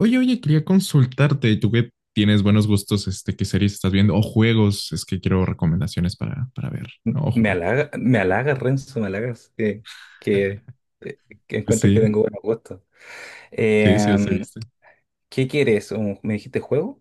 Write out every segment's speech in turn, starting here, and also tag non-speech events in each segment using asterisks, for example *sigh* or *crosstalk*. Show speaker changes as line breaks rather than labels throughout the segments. Oye, quería consultarte, tú que tienes buenos gustos, ¿qué series estás viendo? O juegos, es que quiero recomendaciones para ver, ¿no? O
Me
jugar.
halaga, me halagas, Renzo, me halagas que,
*laughs*
eh, que
Pues
encuentro que
sí,
tengo buen gusto.
sí, sí, se
Eh,
viste.
¿Qué quieres? ¿Me dijiste juego?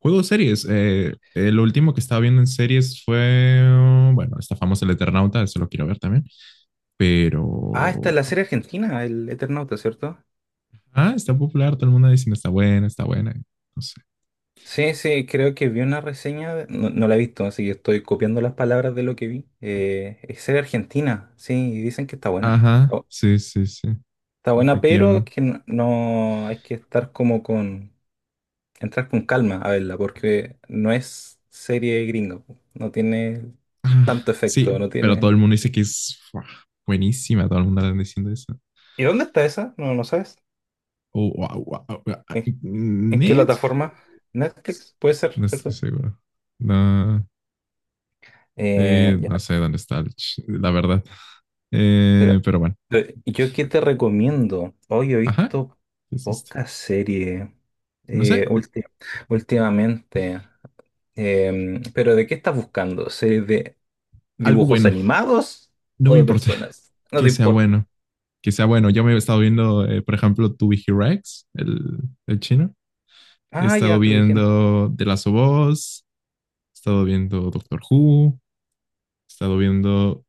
Juegos, series. Lo último que estaba viendo en series fue, oh, bueno, está famoso El Eternauta, eso lo quiero ver también,
Ah, esta
pero...
es la serie argentina, el Eternauta, ¿cierto?
Ah, está popular, todo el mundo diciendo está buena, no sé.
Sí, sí, creo que vi una reseña, no, no la he visto, así que estoy copiando las palabras de lo que vi. Es serie argentina, sí, y dicen que está buena.
Ajá,
Oh,
sí, sí, sí,
está buena, pero
efectivamente.
que hay que estar como entrar con calma a verla, porque no es serie gringa, po. No tiene
Ah,
tanto efecto,
sí,
no
pero todo el
tiene.
mundo dice que es... buah, buenísima, todo el mundo está diciendo eso.
¿Y dónde está esa? No, no sabes.
O, o- o- o- o-
¿En, en qué plataforma?
Netflix.
Netflix, puede ser,
No estoy
¿cierto?
seguro. No, eh,
Ya.
no sé dónde está, la verdad. Pero bueno,
¿Yo qué te recomiendo? Hoy he
ajá,
visto
¿qué es esto?
pocas series,
No
eh,
sé,
ulti- últimamente. Pero ¿de qué estás buscando? ¿Series de
algo
dibujos
bueno.
animados
No
o
me
de
importa *laughs*
personas? No
que
te
sea
importa.
bueno, que sea bueno. Yo me he estado viendo, por ejemplo, To Be Hero X, el chino. He
Ah,
estado
ya, tú dijeron.
viendo The Last of Us, he estado viendo Doctor Who, he estado viendo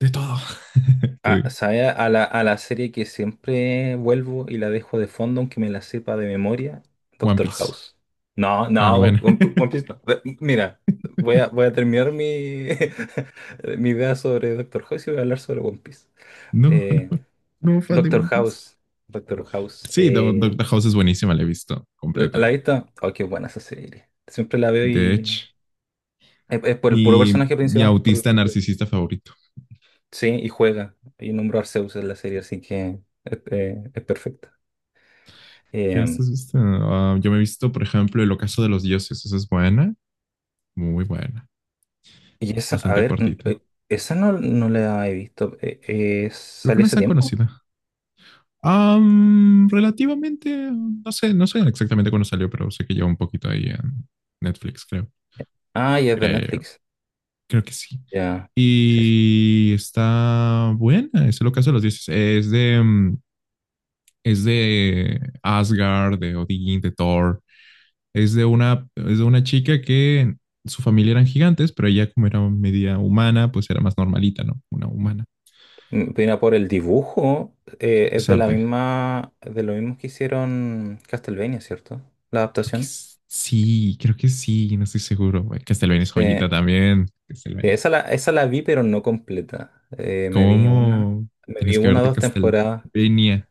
de todo. *laughs* Te digo,
¿Sabe? A la serie que siempre vuelvo y la dejo de fondo, aunque me la sepa de memoria,
One
Doctor
Piece.
House. No,
Ah,
no,
bueno.
One One
*laughs*
Piece no. Mira, voy a terminar mi, *laughs* mi idea sobre Doctor House y voy a hablar sobre One Piece.
No, no,
Eh,
no, fan de
Doctor
One Piece.
House, Doctor House.
Sí, Doctor House es buenísima, la he visto
La
completa.
he visto? Oh, qué buena esa serie. Siempre la veo
De
y
hecho,
es por el puro
y
personaje
mi
principal. Por-
autista narcisista favorito.
sí, y juega. Y nombro a Arceus en la serie, así que es perfecta.
¿Qué más
Eh,
has visto? Ah, yo me he visto, por ejemplo, El Ocaso de los Dioses. Esa es buena, muy buena,
Y esa, a
bastante
ver,
cortita.
esa no, no la he visto.
Creo que
¿Sale
no es
ese
tan
tiempo?
conocida. Relativamente, no sé, no sé exactamente cuándo salió, pero sé que lleva un poquito ahí en Netflix, creo.
Ah, ya es de
Creo,
Netflix.
creo que sí.
Ya. Sí, sí.
Y está buena, eso es lo que hace los dioses. Es de, es de Asgard, de Odín, de Thor. Es de una chica que su familia eran gigantes, pero ella como era media humana, pues era más normalita, ¿no? Una humana.
Mira, por el dibujo, es
Es
de la
arte.
misma, de lo mismo que hicieron Castlevania, ¿cierto? La
Creo que
adaptación.
sí, creo que sí, no estoy seguro, güey. Castlevania es joyita
Sí.
también.
Sí,
Castlevania.
esa la vi, pero no completa. Me vi una,
¿Cómo
me
tienes
vi
que
una o
verte
dos temporadas.
Castlevania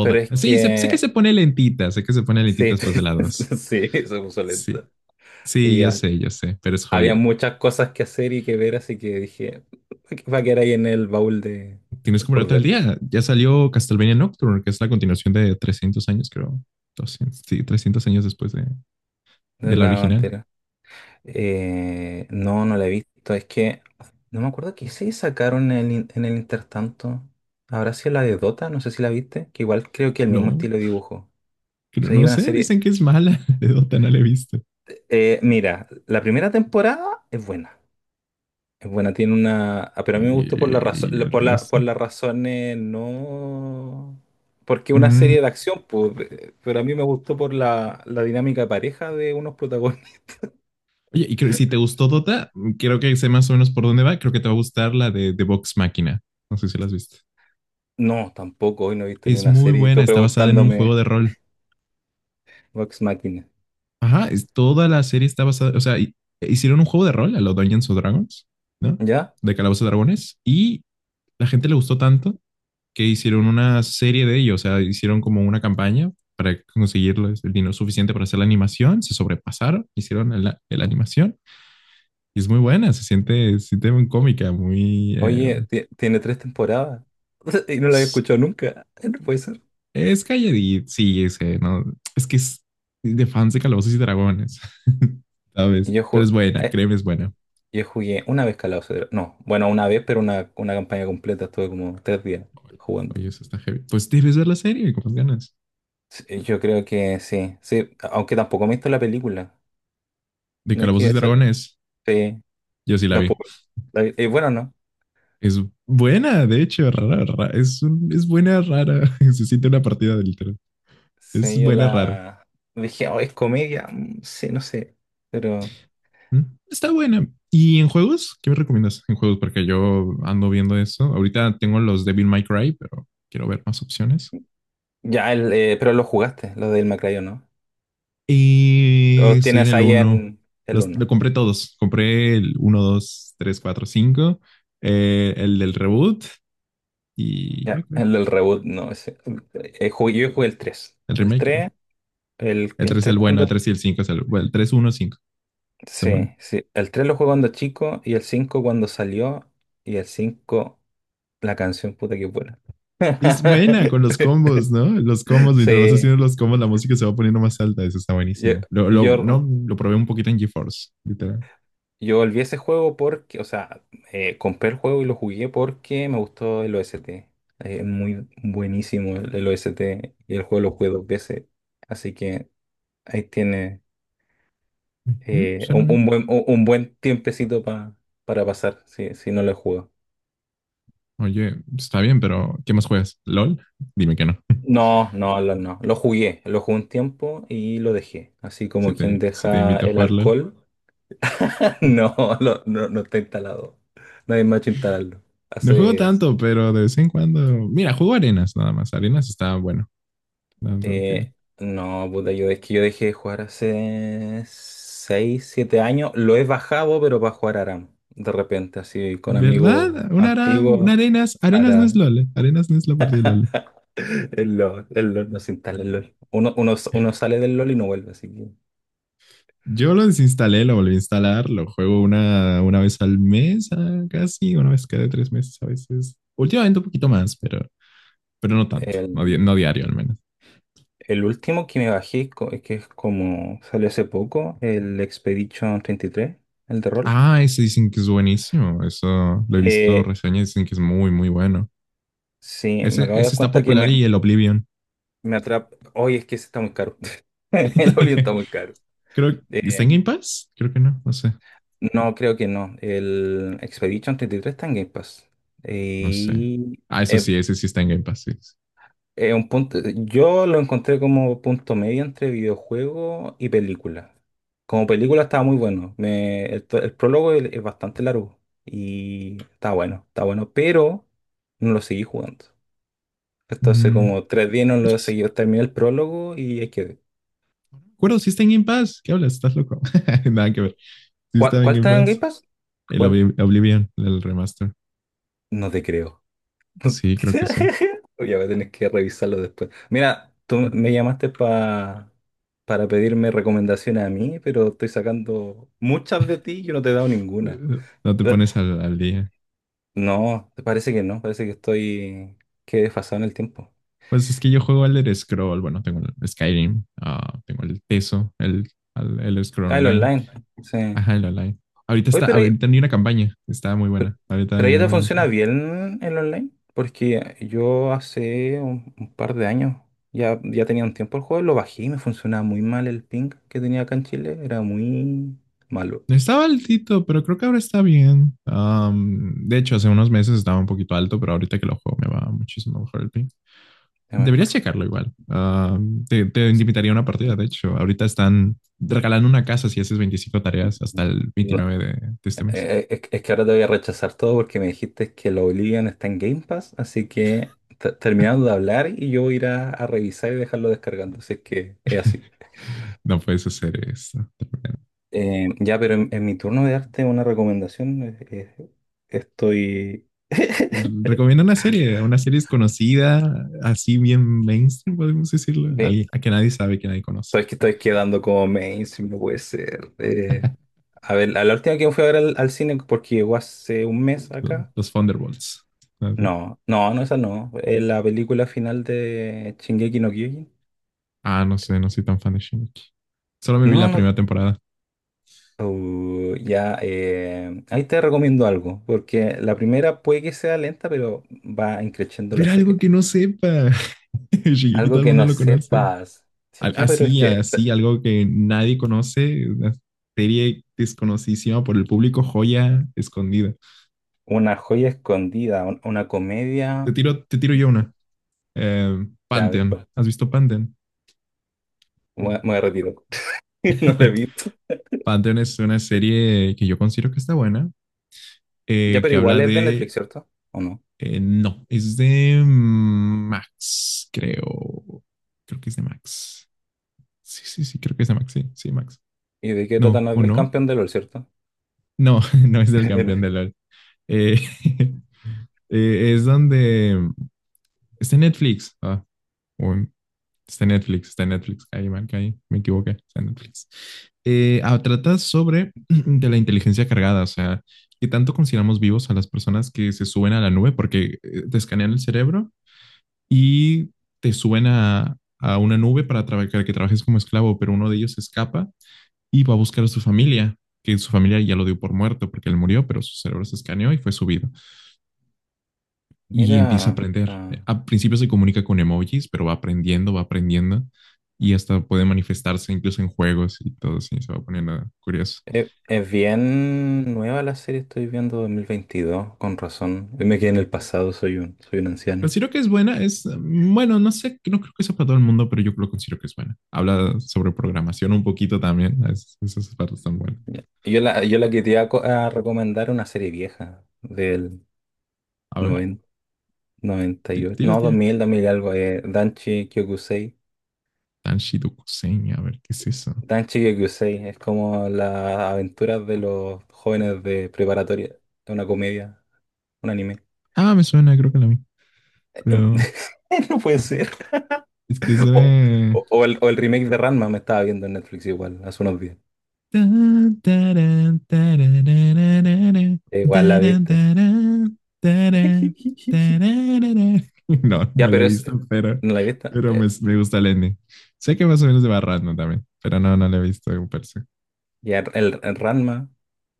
Pero es
Sí, sé que
que,
se pone lentita, sé que se pone lentita
sí,
después de la dos.
*laughs* sí, se puso
Sí.
lenta.
Sí,
Y ya.
ya sé, pero es
Había
joya.
muchas cosas que hacer y que ver, así que dije, va a quedar ahí en el baúl de,
Tienes que
por
ponerte al
ver,
día. Ya salió Castlevania Nocturne, que es la continuación de 300 años, creo. 200, sí, 300 años después de
de
la
la
original.
bandera. No, no la he visto. Es que no me acuerdo qué se sacaron en el intertanto. Habrá sido la de Dota, no sé si la viste, que igual creo que el mismo
No,
estilo de dibujo. O sea, hay
no
una
sé,
serie.
dicen que es mala. *laughs* De Dota no la he visto.
Mira, la primera temporada es buena. Es buena, tiene una. Pero a mí me gustó por la razón,
Y el
por
resto.
las razones no. Porque una
Mm,
serie de acción, pues, pero a mí me gustó por la dinámica de pareja de unos protagonistas. *laughs*
Oye, y creo, si te gustó Dota, creo que sé más o menos por dónde va. Creo que te va a gustar la de Vox Máquina. No sé si la has visto.
No, tampoco, hoy no he visto ni
Es
una
muy
serie.
buena,
Estoy
está basada en un juego
preguntándome
de rol.
Vox Machina.
Ajá, toda la serie está basada, o sea, hicieron un juego de rol a los Dungeons o Dragons, ¿no?
¿Ya?
De Calabozos y Dragones, y la gente le gustó tanto que hicieron una serie de ellos, o sea, hicieron como una campaña para conseguir el dinero suficiente para hacer la animación, se sobrepasaron, hicieron la animación, y es muy buena, se siente muy cómica, muy...
Oye, tiene tres temporadas. *laughs* Y no la había
es,
escuchado nunca. *laughs* No puede ser.
es calladita, sí, es, no, es que es de fans de Calabozos y Dragones, *laughs*
Y
¿sabes?
yo
Pero
jugué.
es buena, créeme, es buena.
Yo jugué una vez Calabozos. No, bueno, una vez, pero una campaña completa. Estuve como 3 días jugando.
Oye, eso está heavy. Pues debes ver la serie con más ganas.
Sí, yo creo que sí, sí, aunque tampoco me he visto la película.
De
No es
Calabozos y
que
Dragones.
sí,
Yo sí la vi.
tampoco. Bueno, no.
Es buena, de hecho, rara, rara. Es, es buena, rara. *laughs* Se siente una partida de literal. Es
Sí, yo
buena, rara.
la dije, oh, es comedia. Sí, no sé. Pero
¿Mm? Está buena. ¿Y en juegos? ¿Qué me recomiendas en juegos? Porque yo ando viendo eso. Ahorita tengo los Devil May Cry, pero quiero ver más opciones.
ya, pero lo jugaste, lo del Macrayo, ¿no? O
Y
los
estoy en
tienes
el
ahí
uno.
en el
Lo
uno.
compré todos. Compré el uno, 2, 3, 4, cinco, el del reboot. Y ya
Ya,
creo.
el del reboot, no. Yo jugué el tres
El
El
remake, creo.
tres el,
El
el
3 es
tres
el bueno,
cuando.
el 3 y el 5 es el, bueno, el 3, 1, 5. Está bueno.
Sí, sí. El 3 lo jugué cuando chico y el 5 cuando salió. Y el cinco. La canción puta que buena.
Y es buena con los
*laughs*
combos, ¿no? Los combos, mientras vas
Sí,
haciendo los combos, la música se va poniendo más alta. Eso está
yo,
buenísimo. Lo, no,
yo,
lo probé un poquito en GeForce, literal.
yo volví a ese juego porque, o sea, compré el juego y lo jugué porque me gustó el OST. Es muy buenísimo el OST y el juego lo jugué dos veces. Así que ahí tiene,
Suena
un,
bien.
un buen, un, un buen tiempecito, para pasar si no lo juego.
Oye, está bien, pero ¿qué más juegas? ¿LOL? Dime que no. *laughs*
No, no, no. Lo jugué un tiempo y lo dejé. Así
Si
como quien
te, si te
deja
invito a
el
jugar LOL.
alcohol. *laughs* No,
*laughs*
no, no está instalado. Nadie me ha hecho instalarlo.
No juego
Hace...
tanto, pero de vez en cuando. Mira, juego arenas nada más. Arenas está bueno. No, no,
eh, no, puta, yo es que yo dejé de jugar hace 6, 7 años. Lo he bajado, pero para jugar Aram. De repente, así con amigos
¿verdad? Una
antiguos.
arenas. Arenas no es
Aram.
LOL. Arenas no es la partida de LOL.
El LOL no se instala el LOL. Uno sale del LOL y no vuelve, así que...
Yo lo desinstalé, lo volví a instalar, lo juego una vez al mes, ah, casi, una vez cada 3 meses a veces. Últimamente un poquito más, pero no tanto, no, no
El,
diario al menos.
el último que me bajé, que es como salió hace poco, el Expedition 33, el de rol.
Ah, ese dicen que es buenísimo, eso lo he visto
Eh,
reseñas, dicen que es muy, muy bueno.
Sí, me
Ese,
acabo de
ese
dar
está
cuenta que
popular
me,
y el Oblivion.
me atrapa. Hoy es que ese está muy caro. *laughs* El Orion está
*laughs*
muy caro.
Creo,
Eh,
¿está en Game Pass? Creo que no, no sé,
no, creo que no. El Expedition 33 está en Game Pass.
no sé.
Y
Ah, eso
es,
sí, ese sí está en Game Pass, sí, sí.
es un punto. Yo lo encontré como punto medio entre videojuego y película. Como película estaba muy bueno. El prólogo es bastante largo. Y está bueno, está bueno. Pero no lo seguí jugando. Entonces,
Mm,
como 3 días no
oye,
lo
sí,
seguí. Terminé el prólogo y ahí quedé.
me acuerdo, sí está en Game Pass. ¿Qué hablas? ¿Estás loco? *laughs* Nada que ver. Sí
¿Cuál,
está en
cuál
Game
está en
Pass.
Game Pass?
El
¿Cuál?
Oblivion, el remaster.
No te creo. *laughs*
Sí, creo que sí.
Oye, voy a tener que revisarlo después. Mira, tú me llamaste para pedirme recomendaciones a mí, pero estoy sacando muchas de ti y yo no te he dado ninguna.
No te
Eh,
pones al, al día.
No, parece que no, parece que estoy, que he desfasado en el tiempo.
Pues es que yo juego Elder Scroll. Bueno, tengo el Skyrim, ah, tengo el Teso, el Elder Scroll
Ah, el
Online.
online. Sí.
Ajá, el online. Ahorita
Oye,
está,
pero
ahorita ni una campaña. Está muy buena. Ahorita
Pero
yo
ya te funciona
entré.
bien el online, porque yo hace un par de años ya tenía un tiempo el juego, lo bajé y me funcionaba muy mal el ping que tenía acá en Chile, era muy malo,
Estaba altito, pero creo que ahora está bien. De hecho, hace unos meses estaba un poquito alto, pero ahorita que lo juego me va muchísimo mejor el ping.
a
Deberías
mejor.
checarlo igual. Ah, te invitaría a una partida, de hecho. Ahorita están regalando una casa si haces 25 tareas hasta el
No,
29 de este mes.
es que ahora te voy a rechazar todo porque me dijiste que la Oblivion está en Game Pass, así que terminando de hablar y yo voy a ir a revisar y dejarlo descargando, así que es así.
No puedes hacer eso.
Ya, pero en mi turno de arte una recomendación, eh, estoy... *laughs*
Recomiendo una serie desconocida, así bien mainstream, podemos decirlo.
Sí,
Alguien, a que nadie sabe, que nadie conoce.
estoy quedando como mainstream, no puede ser. A ver, a la última que fui a ver al cine, porque llegó hace un mes
Los,
acá.
los Thunderbolts. Ah, sí.
No, no, no, esa no. La película final de Shingeki no Kyojin.
Ah, no sé, no soy tan fan de Shingeki. Solo me vi
No,
la
no.
primera temporada.
Ya, ahí te recomiendo algo, porque la primera puede que sea lenta, pero va increciendo la
Pero algo
serie.
que no sepa. *laughs* Shingeki todo
Algo
el
que
mundo
no
lo conoce.
sepas. Sí, ya, pero es
Así,
que
así, algo que nadie conoce, una serie desconocidísima por el público, joya escondida.
una joya escondida, una
Te
comedia.
tiro, te tiro yo una.
Ya, a ver,
Pantheon.
pues,
¿Has visto Pantheon?
me retiro. *laughs* No la he
*laughs*
visto.
Pantheon es una serie que yo considero que está buena,
Ya, pero
que habla
igual es de Netflix,
de...
¿cierto? ¿O no?
no, es de Max, creo. Creo que es de Max. Sí, sí, sí, creo que es de Max, sí, sí, Max.
¿Y de qué trata?
No,
No es
¿o
del
no?
campeón de LOL, ¿cierto?
No, *laughs* no es del campeón de
*laughs*
LOL. Eh, *laughs* es donde está en Netflix. Ah, o en- está en Netflix, está en Netflix. Ahí, man, ahí, me equivoqué. Está en Netflix. Trata sobre *clears throat* de la inteligencia cargada, o sea, qué tanto consideramos vivos a las personas que se suben a la nube porque te escanean el cerebro y te suben a una nube para para que trabajes como esclavo, pero uno de ellos escapa y va a buscar a su familia, que su familia ya lo dio por muerto porque él murió, pero su cerebro se escaneó y fue subido y empieza a
Mira,
aprender. Al principio se comunica con emojis, pero va aprendiendo y hasta puede manifestarse incluso en juegos y todo así, se va poniendo curioso.
es bien nueva la serie, estoy viendo 2022, con razón. Yo me quedé en el pasado, soy un anciano.
Considero que es buena, es, bueno, no sé, no creo que sea para todo el mundo, pero yo lo considero que es buena. Habla sobre programación un poquito también, es, esas partes están buenas.
Ya. Y yo la que te iba a recomendar una serie vieja del
A ver,
noventa, 98,
tira,
no,
tira.
2000, 2000 algo, Danchi Kyokusei.
Tanshido Kusein, a ver, ¿qué es eso?
Danchi Kyokusei es como las aventuras de los jóvenes de preparatoria, es una comedia, un anime.
Ah, me suena, creo que la vi,
Em-
pero
*laughs* No puede ser.
es que es
O,
de...
o el remake de Ranma me estaba viendo en Netflix igual, hace unos días.
*laughs*
Igual la viste. *laughs*
No, no
Ya,
la he
pero es.
visto,
¿No la viste?
pero me, me gusta el ending. Sé que más o menos de Barrando también, pero no, no la he visto en persona.
Ya, el Ranma.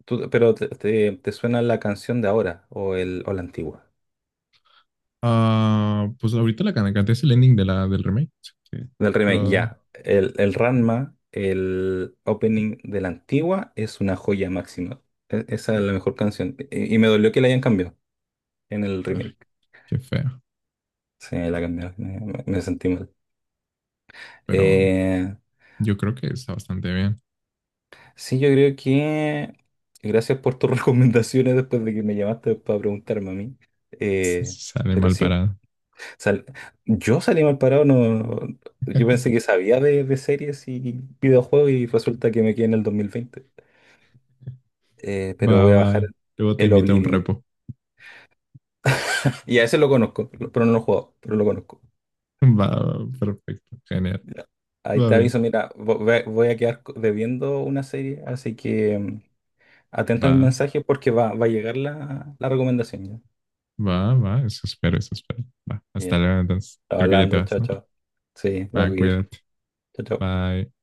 Pero te suena la canción de ahora o la antigua.
Ah, pues ahorita la canté es el ending de la, del remake, así que
Del remake,
pero
ya. El Ranma, el opening de la antigua, es una joya máxima. Esa es la mejor canción. Y me dolió que la hayan cambiado en el
ah,
remake.
qué feo.
Sí, la cambiaron. Me sentí mal.
Pero
Eh,
yo creo que está bastante bien.
Sí, yo creo que gracias por tus *laughs* recomendaciones después de que me llamaste para preguntarme a mí. Eh,
Sale
pero
mal
sí,
parado.
sal- yo salí mal parado, no, yo pensé que
*laughs*
sabía de series y videojuegos y resulta que me quedé en el 2020. Pero
Va,
voy a bajar
va. Luego te
el
invito a un
Oblivion.
repo.
Y a ese lo conozco, pero no lo he jugado, pero lo conozco.
*laughs* Va, va, perfecto, genial.
Ya. Ahí
Va
te aviso,
bien.
mira, voy a quedar debiendo una serie, así que atento a mi
Va,
mensaje porque va a llegar la recomendación ya.
va, va. Eso espero, eso espero. Va. Hasta
Ya.
luego, entonces. Creo que ya te
Hablando,
vas,
chao,
¿no?
chao. Sí,
Va,
tengo que ir.
cuídate.
Chao, chao.
Bye.